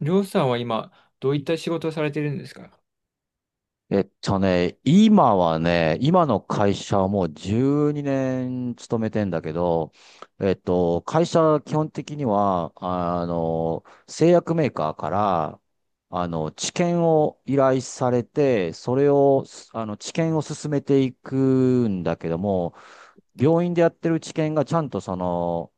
りょうさんは今、どういった仕事をされてるんですか？今はね、今の会社はもう12年勤めてんだけど、会社は基本的には、製薬メーカーから、治験を依頼されて、それを、治験を進めていくんだけども、病院でやってる治験がちゃんとその、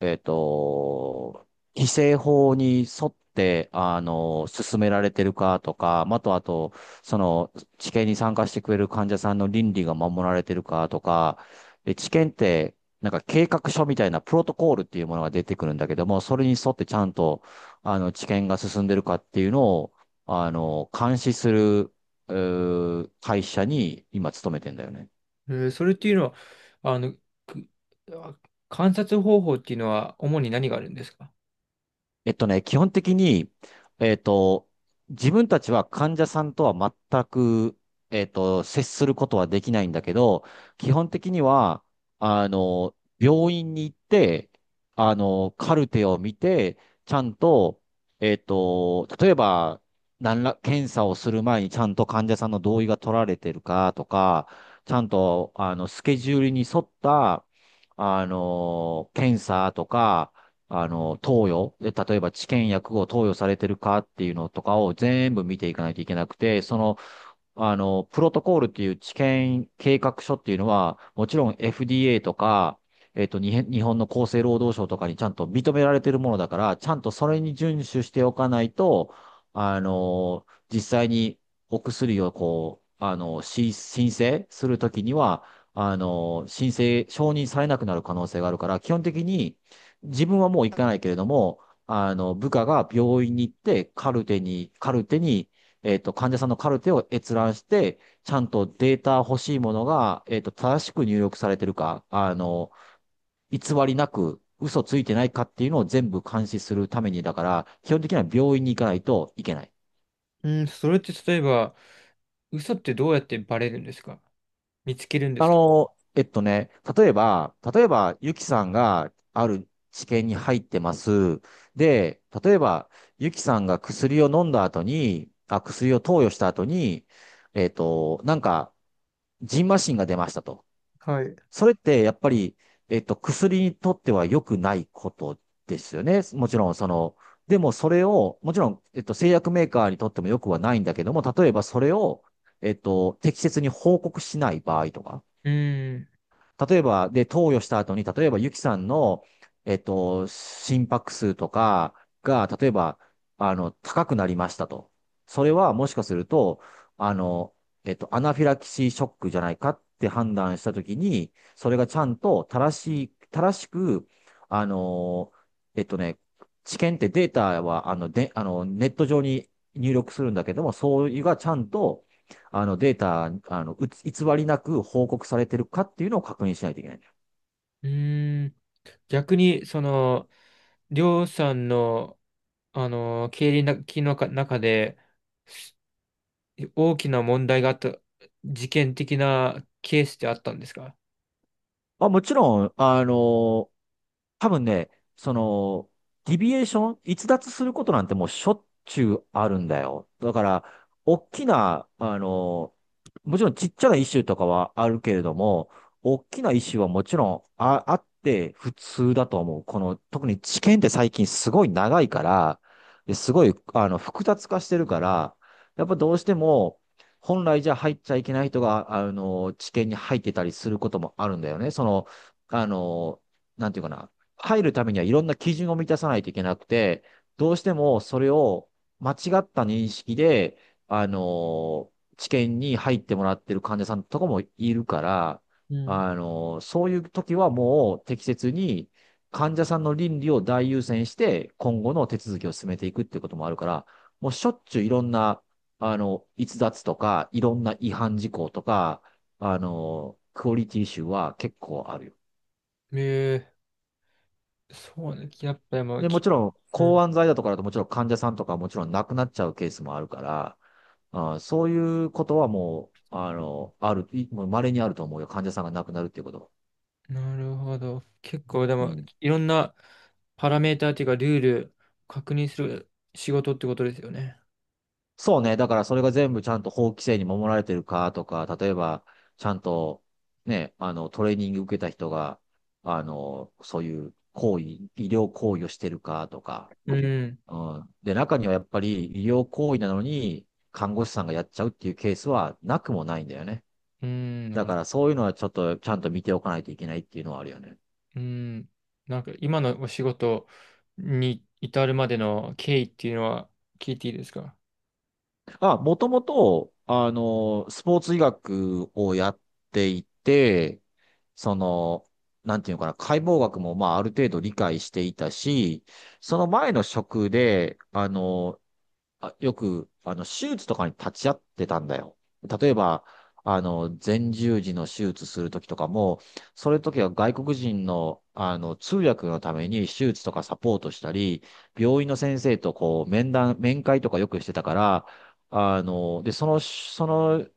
えっと、規制法に沿って、進められてるかとか、まあと、あと、その、治験に参加してくれる患者さんの倫理が守られてるかとか、で、治験って、なんか計画書みたいなプロトコールっていうものが出てくるんだけども、それに沿ってちゃんと、治験が進んでるかっていうのを、監視する、う会社に今勤めてんだよね。それっていうのは、あの、くあ観察方法っていうのは主に何があるんですか？基本的に、えっと、自分たちは患者さんとは全く、接することはできないんだけど、基本的には、病院に行って、カルテを見て、ちゃんと、例えば、検査をする前にちゃんと患者さんの同意が取られてるかとか、ちゃんと、スケジュールに沿った、検査とか、投与、で、例えば治験薬を投与されてるかっていうのとかを全部見ていかないといけなくて、その、プロトコールっていう治験計画書っていうのは、もちろん FDA とか、えっと、にへん日本の厚生労働省とかにちゃんと認められてるものだから、ちゃんとそれに遵守しておかないと、実際にお薬をこう、申請するときには、申請、承認されなくなる可能性があるから、基本的に自分はもう行かないけれども、部下が病院に行って、カルテに、患者さんのカルテを閲覧して、ちゃんとデータ欲しいものが、正しく入力されてるか、偽りなく、嘘ついてないかっていうのを全部監視するために、だから、基本的には病院に行かないといけない。うん、それって例えば、嘘ってどうやってバレるんですか？見つけるんであすか？の、えっとね、例えば、ゆきさんがある治験に入ってます。で、例えば、ゆきさんが薬を飲んだ後に、あ、薬を投与した後に、なんか、ジンマシンが出ましたと。はい。うそれってやっぱり、薬にとっては良くないことですよね。もちろん、その、でもそれを、もちろん、製薬メーカーにとっても良くはないんだけども、例えばそれを、適切に報告しない場合とか、ーん。例えば、で、投与した後に、例えば、ゆきさんの、心拍数とかが、例えば、高くなりましたと。それは、もしかすると、あの、アナフィラキシーショックじゃないかって判断したときに、それがちゃんと正しく、あの、えっとね、治験ってデータは、あの、で、あの、ネット上に入力するんだけども、そういうがちゃんと、データ、偽りなく報告されてるかっていうのを確認しないといけないんだよ。うーん。逆に、その、りょうさんの、経理のきのか中で、す大きな問題があった、事件的なケースってあったんですか？まあ、もちろん、多分ね、その、ディビエーション、逸脱することなんてもうしょっちゅうあるんだよ。だから、大きな、もちろんちっちゃなイシューとかはあるけれども、大きなイシューはもちろんあ、あって普通だと思う。この、特に知見って最近すごい長いから、ですごい、複雑化してるから、やっぱどうしても、本来じゃ入っちゃいけない人が、知見に入ってたりすることもあるんだよね。その、あの、なんていうかな。入るためにはいろんな基準を満たさないといけなくて、どうしてもそれを間違った認識で、治験に入ってもらってる患者さんとかもいるから、うん。そういう時はもう適切に患者さんの倫理を大優先して、今後の手続きを進めていくっていうこともあるから、もうしょっちゅういろんな、逸脱とか、いろんな違反事項とか、クオリティイシューは結構あるよ。えー、そうね。やっぱりもう。で、もちろん、う抗ん。がん剤だとかだともちろん患者さんとかもちろん亡くなっちゃうケースもあるから、あー、そういうことはもう、あの、ある、いもう稀にあると思うよ。患者さんが亡くなるっていうこと。なるほど。結構でうも、ん。いろんなパラメーターっていうか、ルール確認する仕事ってことですよね。そうね。だからそれが全部ちゃんと法規制に守られてるかとか、例えば、ちゃんと、ね、トレーニング受けた人が、そういう医療行為をしてるかとか、うん。うん。で、中にはやっぱり医療行為なのに、看護師さんがやっちゃうっていうケースはなくもないんだよね。うん。なだかる。らそういうのはちょっとちゃんと見ておかないといけないっていうのはあるよね。うん。なんか今のお仕事に至るまでの経緯っていうのは聞いていいですか？あ、もともと、スポーツ医学をやっていて、その、なんていうのかな、解剖学もまあある程度理解していたし、その前の職で、あ、よく、手術とかに立ち会ってたんだよ。例えば、前十字の手術するときとかも、それときは外国人の、通訳のために手術とかサポートしたり、病院の先生とこう、面会とかよくしてたから、あの、で、その、その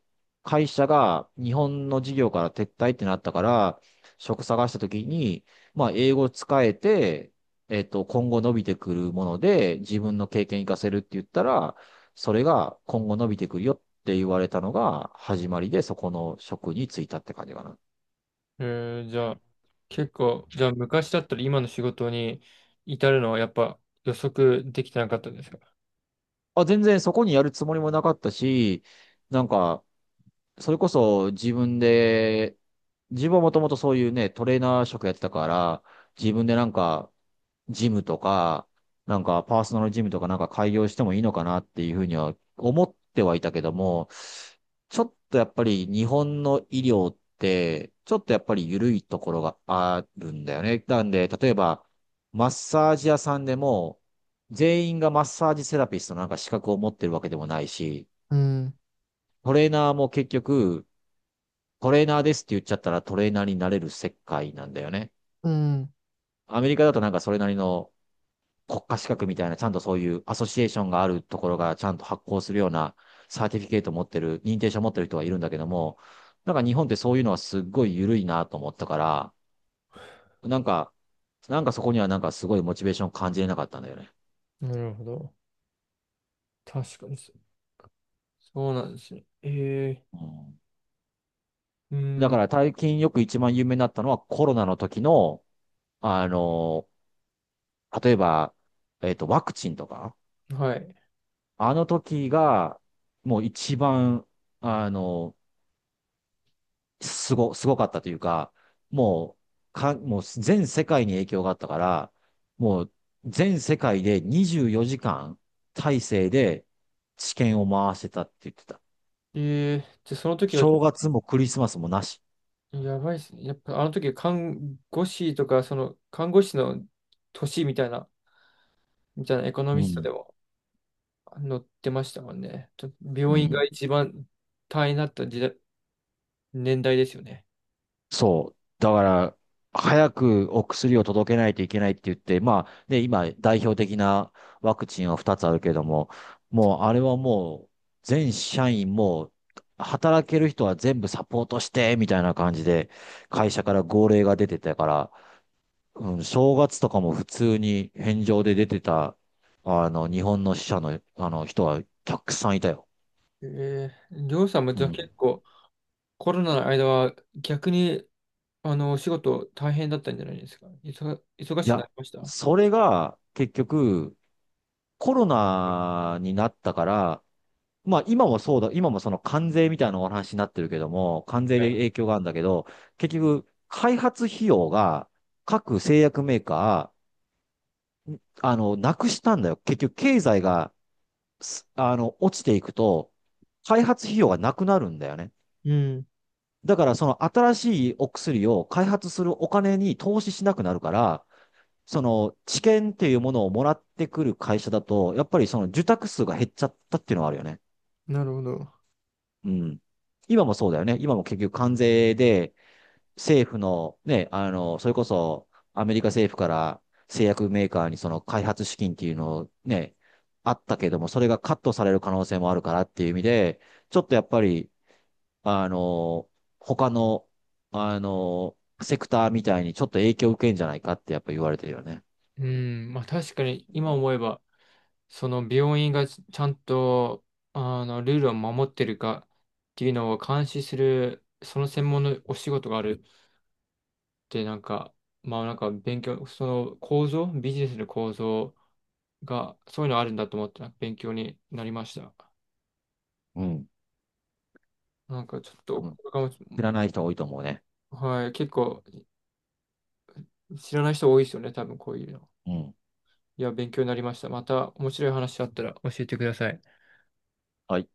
会社が日本の事業から撤退ってなったから、職探したときに、まあ、英語使えて、今後伸びてくるもので、自分の経験活かせるって言ったら、それが今後伸びてくるよって言われたのが始まりで、そこの職に就いたって感じかな。えー、じゃあ、結構、じゃあ昔だったら今の仕事に至るのはやっぱ予測できてなかったですか？あ、全然そこにやるつもりもなかったし、なんか、それこそ自分で、自分はもともとそういうね、トレーナー職やってたから、自分でなんか、ジムとか、なんかパーソナルジムとかなんか開業してもいいのかなっていうふうには思ってはいたけども、ちょっとやっぱり日本の医療って、ちょっとやっぱり緩いところがあるんだよね。なんで、例えば、マッサージ屋さんでも、全員がマッサージセラピストのなんか資格を持ってるわけでもないし、うん。トレーナーも結局、トレーナーですって言っちゃったらトレーナーになれる世界なんだよね。うん。アメリカだとなんかそれなりの国家資格みたいな、ちゃんとそういうアソシエーションがあるところがちゃんと発行するようなサーティフィケート持ってる、認定証持ってる人がいるんだけども、なんか日本ってそういうのはすっごい緩いなと思ったから、なんか、なんかそこにはなんかすごいモチベーション感じれなかったんだよね。なるほど。確かにそそうなんですね。えうん。ー、うだかん。ら最近よく一番有名になったのはコロナの時の、あの、例えば、ワクチンとか、はい。あの時が、もう一番、あの、すごかったというか、ももう全世界に影響があったから、もう全世界で24時間体制で治験を回してたって言ってた。えー、じゃあその時が、正月もクリスマスもなし。やばいですね。やっぱあの時看護師とか、その看護師の年みたいな、みたいなエコノうミストでん。も載ってましたもんね。とう病院がん。一番大変だった時代、年代ですよね。そう。だから、早くお薬を届けないといけないって言って、まあ、ね、今、代表的なワクチンは2つあるけれども、もう、あれはもう、全社員もう、働ける人は全部サポートして、みたいな感じで、会社から号令が出てたから、うん、正月とかも普通に返上で出てた、日本の死者の、人はたくさんいたよ。えー、りょうさんもうじゃあん。い結構コロナの間は逆にあのお仕事大変だったんじゃないですか。忙しくなや、りましたは。それが、結局、コロナになったから、まあ今もそうだ、今もその関税みたいなお話になってるけども、関税でい影響があるんだけど、結局、開発費用が各製薬メーカー、なくしたんだよ。結局、経済が、すあの、落ちていくと、開発費用がなくなるんだよね。うん、だから、その新しいお薬を開発するお金に投資しなくなるから、その知見っていうものをもらってくる会社だと、やっぱりその受託数が減っちゃったっていうのはあるよね。なるほど。うん。今もそうだよね。今も結局関税で政府のね、それこそアメリカ政府から製薬メーカーにその開発資金っていうのをね、あったけども、それがカットされる可能性もあるからっていう意味で、ちょっとやっぱり、あの、他の、セクターみたいにちょっと影響を受けんじゃないかってやっぱ言われてるよね。うん、まあ確かに今思えばその病院がちゃんと、あの、ルールを守ってるかっていうのを監視する、その専門のお仕事があるって、なんか、まあ、なんか勉強、その構造、ビジネスの構造が、そういうのあるんだと思って勉強になりました。うん。なんかちょっ多と、こ分、れかも。知らない人多いと思うね。はい、結構知らない人多いですよね、多分こういうの。うん。いや、勉強になりました。また面白い話あったら教えてください。はい。